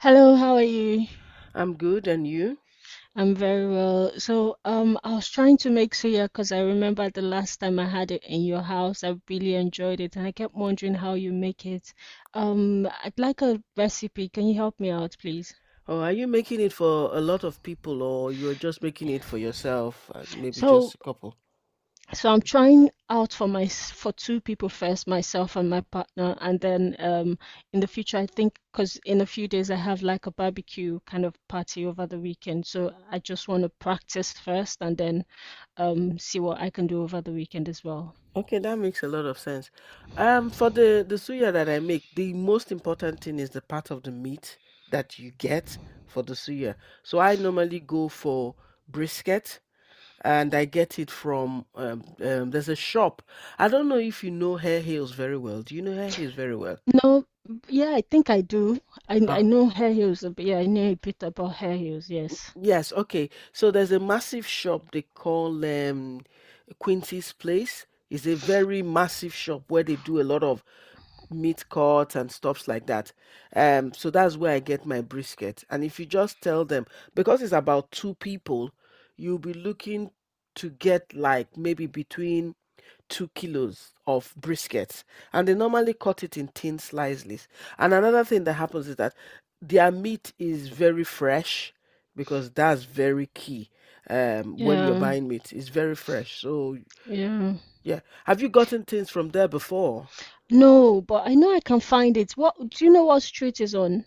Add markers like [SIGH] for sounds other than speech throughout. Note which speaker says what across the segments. Speaker 1: Hello, how are you?
Speaker 2: I'm good, and you?
Speaker 1: I'm very well. I was trying to make suya because I remember the last time I had it in your house. I really enjoyed it, and I kept wondering how you make it. I'd like a recipe. Can you help me out, please?
Speaker 2: Or are you making it for a lot of people, or you're just making it for yourself and maybe just
Speaker 1: So,
Speaker 2: a couple?
Speaker 1: so I'm trying out for for two people first, myself and my partner, and then in the future, I think because in a few days I have like a barbecue kind of party over the weekend, so I just want to practice first, and then see what I can do over the weekend as well.
Speaker 2: Okay, that makes a lot of sense. For the suya that I make, the most important thing is the part of the meat that you get for the suya. So I normally go for brisket. And I get it from there's a shop. I don't know if you know Hair Heels very well. Do you know Hair Heels very well?
Speaker 1: No, yeah, I think I do. I
Speaker 2: Ah,
Speaker 1: know hair heels a bit. Yeah, I know a bit about hair heels. Yes.
Speaker 2: yes. Okay. So there's a massive shop they call Quincy's Place. It's a very massive shop where they do a lot of meat cuts and stuffs like that. So that's where I get my brisket. And if you just tell them, because it's about two people, you'll be looking to get like maybe between 2 kilos of brisket, and they normally cut it in thin slices. And another thing that happens is that their meat is very fresh because that's very key when you're
Speaker 1: Yeah,
Speaker 2: buying meat. It's very fresh. So,
Speaker 1: yeah.
Speaker 2: yeah. Have you gotten things from there before?
Speaker 1: No, but I know I can find it. What do you know what street is on?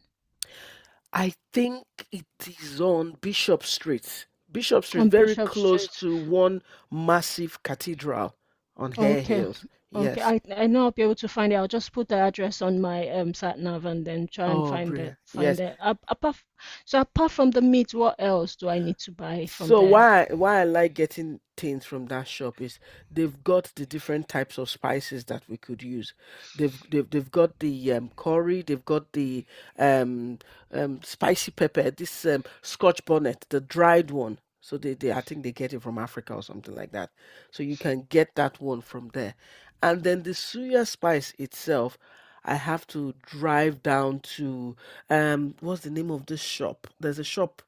Speaker 2: I think it is on Bishop Street. Bishop Street,
Speaker 1: On
Speaker 2: very
Speaker 1: Bishop
Speaker 2: close
Speaker 1: Street.
Speaker 2: to one massive cathedral on Hare
Speaker 1: Okay.
Speaker 2: Hills.
Speaker 1: Okay.
Speaker 2: Yes.
Speaker 1: I know I'll be able to find it. I'll just put the address on my sat nav and then try and
Speaker 2: Oh, brilliant.
Speaker 1: find
Speaker 2: Yes.
Speaker 1: it. So apart from the meat, what else do I need to buy from
Speaker 2: So
Speaker 1: there?
Speaker 2: why I like getting things from that shop is they've got the different types of spices that we could use. They've got the curry, they've got the um, spicy pepper, this Scotch bonnet, the dried one. So, they I think they get it from Africa or something like that. So you can get that one from there. And then the suya spice itself, I have to drive down to what's the name of this shop? There's a shop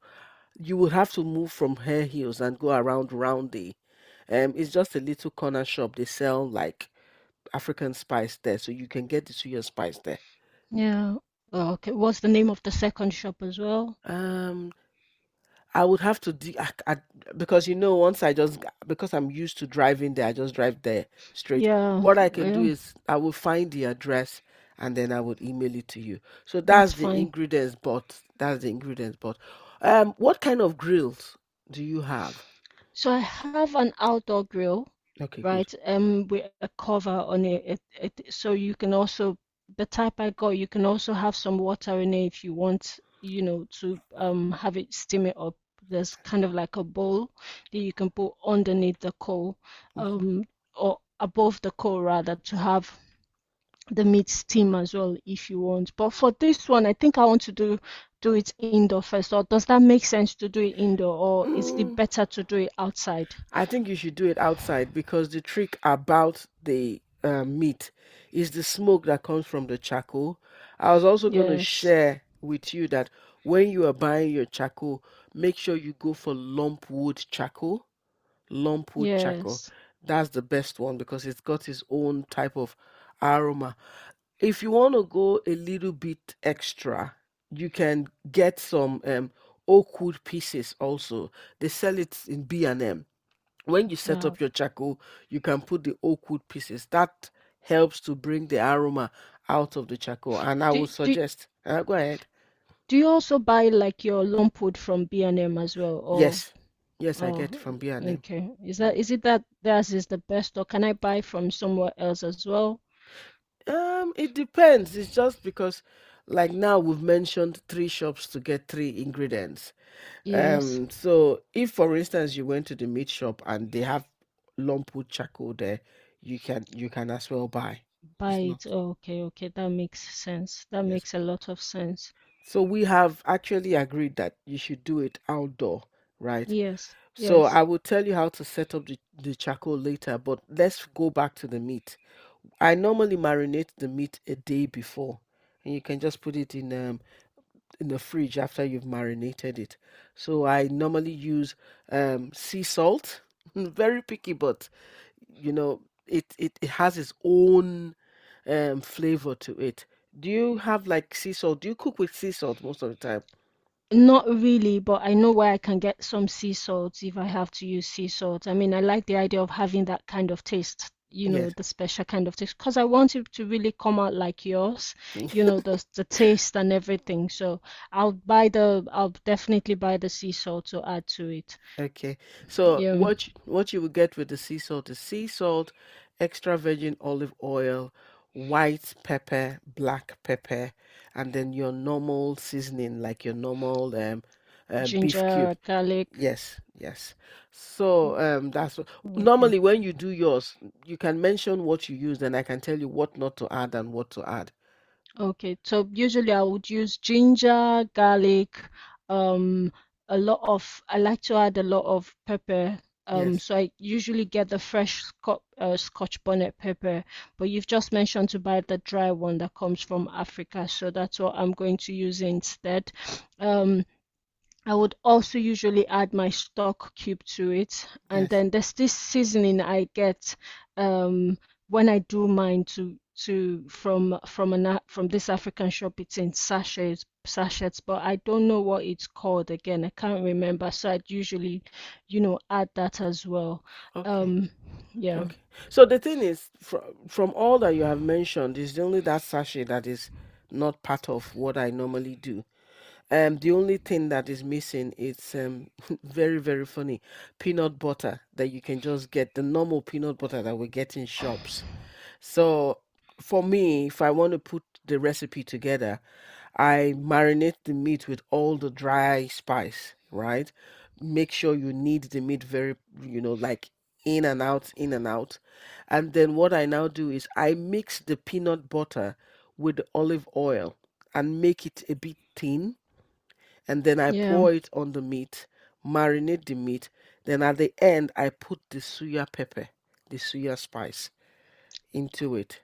Speaker 2: you will have to move from Hare Heels and go around Roundy. It's just a little corner shop. They sell like African spice there, so you can get the suya spice there.
Speaker 1: Yeah. Okay. What's the name of the second shop as well?
Speaker 2: Um, I would have to because you know once I just, because I'm used to driving there, I just drive there straight.
Speaker 1: Yeah,
Speaker 2: What I can do
Speaker 1: yeah,
Speaker 2: is I will find the address and then I would email it to you. So
Speaker 1: that's fine.
Speaker 2: that's the ingredients, but what kind of grills do you have?
Speaker 1: So I have an outdoor grill,
Speaker 2: Okay, good.
Speaker 1: right? With a cover on it. So you can also, the type I got, you can also have some water in it if you want, to have it steam it up. There's kind of like a bowl that you can put underneath the coal,
Speaker 2: Mhm.
Speaker 1: um, or above the coal rather, to have the meat steam as well if you want. But for this one, I think I want to do it indoor first. Or does that make sense to do it indoor, or is it
Speaker 2: Mm,
Speaker 1: better to do it outside?
Speaker 2: I think you should do it outside because the trick about the meat is the smoke that comes from the charcoal. I was also going to
Speaker 1: Yes,
Speaker 2: share with you that when you are buying your charcoal, make sure you go for lump wood charcoal. Lump wood charcoal.
Speaker 1: yes,
Speaker 2: That's the best one because it's got its own type of aroma. If you want to go a little bit extra, you can get some oak wood pieces also. They sell it in B&M. When you set
Speaker 1: yeah.
Speaker 2: up your charcoal, you can put the oak wood pieces. That helps to bring the aroma out of the charcoal. And I
Speaker 1: Do
Speaker 2: would
Speaker 1: do
Speaker 2: suggest, go ahead.
Speaker 1: do you also buy like your lump wood from B&M as well, or
Speaker 2: Yes, yes, I get
Speaker 1: oh,
Speaker 2: from B&M.
Speaker 1: okay. Is
Speaker 2: Yeah.
Speaker 1: that is it that theirs is the best, or can I buy from somewhere else as well?
Speaker 2: It depends. It's just because, like now, we've mentioned three shops to get three ingredients.
Speaker 1: Yes,
Speaker 2: So if, for instance, you went to the meat shop and they have lump wood charcoal there, you can as well buy.
Speaker 1: buy
Speaker 2: It's not,
Speaker 1: it. Oh, okay, okay. That makes sense. That
Speaker 2: yes.
Speaker 1: makes a lot of sense.
Speaker 2: So we have actually agreed that you should do it outdoor, right?
Speaker 1: Yes,
Speaker 2: So
Speaker 1: yes.
Speaker 2: I will tell you how to set up the charcoal later, but let's go back to the meat. I normally marinate the meat a day before, and you can just put it in the fridge after you've marinated it. So I normally use sea salt. [LAUGHS] Very picky, but you know, it has its own flavor to it. Do you have like sea salt? Do you cook with sea salt most of the time?
Speaker 1: Not really, but I know where I can get some sea salt if I have to use sea salt. I mean, I like the idea of having that kind of taste, you know,
Speaker 2: Yes.
Speaker 1: the special kind of taste, because I want it to really come out like yours, you
Speaker 2: [LAUGHS]
Speaker 1: know, the taste and everything. So I'll buy I'll definitely buy the sea salt to add to it.
Speaker 2: Okay. So
Speaker 1: Yeah,
Speaker 2: what you will get with the sea salt is sea salt, extra virgin olive oil, white pepper, black pepper, and then your normal seasoning, like your normal beef cube.
Speaker 1: ginger, garlic.
Speaker 2: Yes, yes. So
Speaker 1: Mm,
Speaker 2: that's what,
Speaker 1: Okay.
Speaker 2: normally when you do yours, you can mention what you use, and I can tell you what not to add and what to add.
Speaker 1: Okay, so usually I would use ginger, garlic, um, a lot of, I like to add a lot of pepper.
Speaker 2: Yes,
Speaker 1: So I usually get the fresh Scotch bonnet pepper, but you've just mentioned to buy the dry one that comes from Africa, so that's what I'm going to use instead. Um, I would also usually add my stock cube to it. And
Speaker 2: yes.
Speaker 1: then there's this seasoning I get um, when I do mine to from an from this African shop. It's in sachets, but I don't know what it's called again. I can't remember. So I'd usually, you know, add that as well.
Speaker 2: Okay.
Speaker 1: Um, yeah,
Speaker 2: Okay. So the thing is, from all that you have mentioned, is only that sachet that is not part of what I normally do. The only thing that is missing is [LAUGHS] very funny, peanut butter that you can just get, the normal peanut butter that we get in shops. So for me, if I want to put the recipe together, I marinate the meat with all the dry spice, right? Make sure you knead the meat very, you know, like in and out, in and out. And then what I now do is I mix the peanut butter with the olive oil and make it a bit thin. And then I
Speaker 1: yeah.
Speaker 2: pour it on the meat, marinate the meat. Then at the end, I put the suya pepper, the suya spice into it.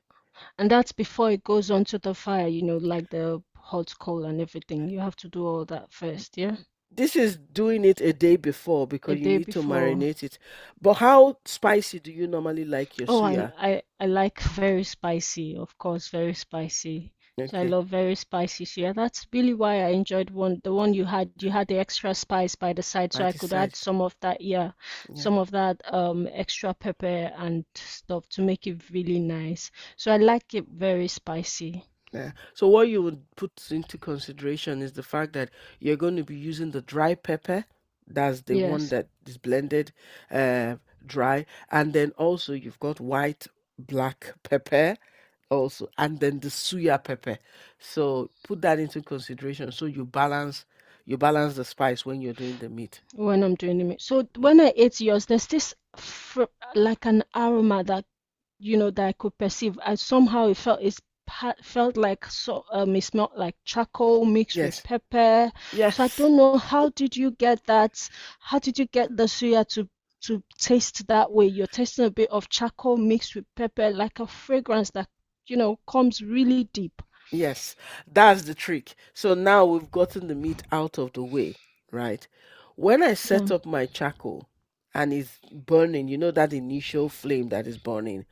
Speaker 1: And that's before it goes onto the fire, you know, like the hot coal and everything. You have to do all that first, yeah?
Speaker 2: This is doing it a day before
Speaker 1: A
Speaker 2: because you
Speaker 1: day
Speaker 2: need to
Speaker 1: before.
Speaker 2: marinate it. But how spicy do you normally like your
Speaker 1: Oh,
Speaker 2: suya?
Speaker 1: I like [LAUGHS] very spicy, of course, very spicy. So I
Speaker 2: Okay,
Speaker 1: love very spicy. So yeah, that's really why I enjoyed one the one you had. You had the extra spice by the side,
Speaker 2: I
Speaker 1: so I could add
Speaker 2: decided.
Speaker 1: some of that, yeah,
Speaker 2: Yeah.
Speaker 1: some of that extra pepper and stuff to make it really nice. So I like it very spicy.
Speaker 2: Yeah. So what you would put into consideration is the fact that you're going to be using the dry pepper. That's the one
Speaker 1: Yes,
Speaker 2: that is blended, uh, dry, and then also you've got white, black pepper also, and then the suya pepper, so put that into consideration so you balance the spice when you're doing the meat.
Speaker 1: when I'm doing it. So
Speaker 2: Mm.
Speaker 1: when I ate yours, there's this fr like an aroma that you know, that I could perceive. I somehow it felt like it smelled like charcoal mixed with
Speaker 2: Yes,
Speaker 1: pepper. So I
Speaker 2: yes.
Speaker 1: don't know how did you get that? How did you get the suya to taste that way? You're tasting a bit of charcoal mixed with pepper, like a fragrance that you know comes really deep.
Speaker 2: Yes, that's the trick. So now we've gotten the meat out of the way, right? When I
Speaker 1: Yeah.
Speaker 2: set up my charcoal and it's burning, you know that initial flame that is burning,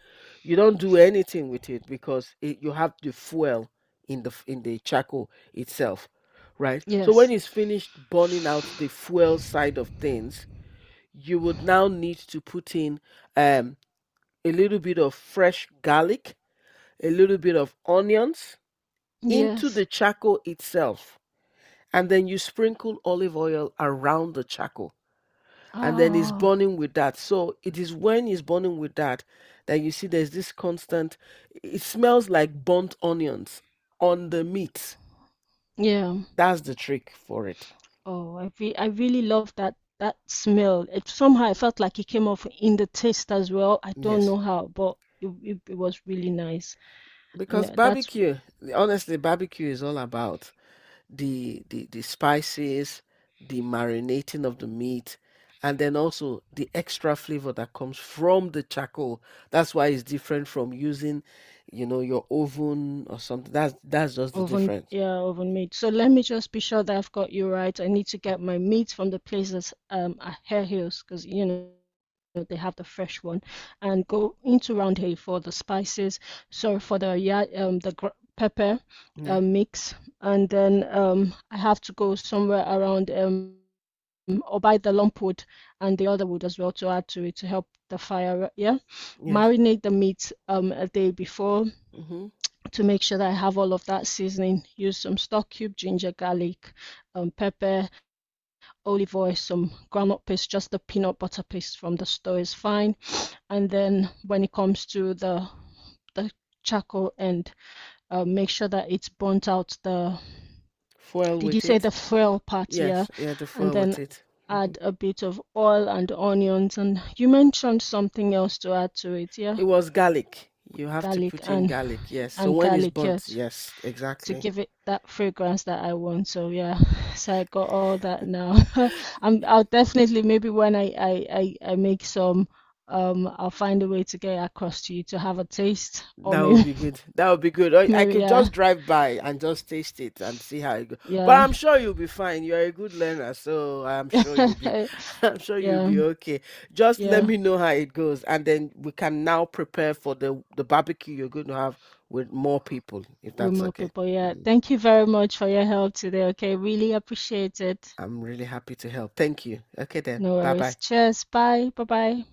Speaker 2: you don't do anything with it because it, you have the fuel in the in the charcoal itself, right? So when
Speaker 1: Yes.
Speaker 2: it's finished burning out the fuel side of things, you would now need to put in um, a little bit of fresh garlic, a little bit of onions into
Speaker 1: Yes.
Speaker 2: the charcoal itself. And then you sprinkle olive oil around the charcoal. And then it's
Speaker 1: Oh,
Speaker 2: burning with that. So it is when it's burning with that that you see there's this constant, it smells like burnt onions on the meat.
Speaker 1: yeah.
Speaker 2: That's the trick for it.
Speaker 1: Oh, I really love that smell. It somehow I felt like it came off in the taste as well. I don't
Speaker 2: Yes.
Speaker 1: know how, but it was really nice. And
Speaker 2: Because
Speaker 1: that's
Speaker 2: barbecue, honestly, barbecue is all about the spices, the marinating of the meat, and then also the extra flavor that comes from the charcoal. That's why it's different from using, you know, your oven or something. That's just the
Speaker 1: oven
Speaker 2: difference.
Speaker 1: yeah, oven made. So let me just be sure that I've got you right. I need to
Speaker 2: Mm.
Speaker 1: get my meat from the places at Hare Hills because you know they have the fresh one, and go into Round Hay for the spices. Sorry for the the gr pepper
Speaker 2: Yeah.
Speaker 1: mix, and then I have to go somewhere around or buy the lump wood and the other wood as well to add to it to help the fire. Yeah,
Speaker 2: Yes.
Speaker 1: marinate the meat a day before
Speaker 2: Mm-hmm.
Speaker 1: to make sure that I have all of that seasoning. Use some stock cube, ginger, garlic, pepper, olive oil, some groundnut paste, just the peanut butter paste from the store is fine. And then when it comes to the charcoal end, make sure that it's burnt out the
Speaker 2: Foil
Speaker 1: Did you
Speaker 2: with
Speaker 1: say
Speaker 2: it.
Speaker 1: the frill part? Yeah.
Speaker 2: Yes. Yeah. The
Speaker 1: And
Speaker 2: foil with
Speaker 1: then
Speaker 2: it. Hmm.
Speaker 1: add a bit of oil and onions. And you mentioned something else to add to it. Yeah.
Speaker 2: It was garlic. You have to
Speaker 1: Garlic
Speaker 2: put in garlic. Yes. So
Speaker 1: and
Speaker 2: when it's
Speaker 1: garlic yeah,
Speaker 2: burnt, yes,
Speaker 1: to
Speaker 2: exactly.
Speaker 1: give it that fragrance that I want. So yeah, [LAUGHS] so I got all that now. [LAUGHS] I'll definitely maybe when I make some, I'll find a way to get it across to you to have a taste, or
Speaker 2: That would
Speaker 1: maybe
Speaker 2: be good. That would be good.
Speaker 1: [LAUGHS]
Speaker 2: I
Speaker 1: maybe
Speaker 2: could
Speaker 1: yeah
Speaker 2: just drive by and just taste it and see how it goes. But
Speaker 1: yeah
Speaker 2: I'm sure you'll be fine. You're a good learner, so I'm sure you'll be [LAUGHS]
Speaker 1: [LAUGHS]
Speaker 2: I'm sure you'll
Speaker 1: yeah
Speaker 2: be okay. Just let
Speaker 1: yeah.
Speaker 2: me know how it goes, and then we can now prepare for the barbecue you're going to have with more people, if
Speaker 1: With
Speaker 2: that's
Speaker 1: more
Speaker 2: okay.
Speaker 1: people, yeah.
Speaker 2: Mm.
Speaker 1: Thank you very much for your help today. Okay, really appreciate it.
Speaker 2: I'm really happy to help. Thank you. Okay then.
Speaker 1: No
Speaker 2: Bye-bye.
Speaker 1: worries. Cheers. Bye. Bye bye.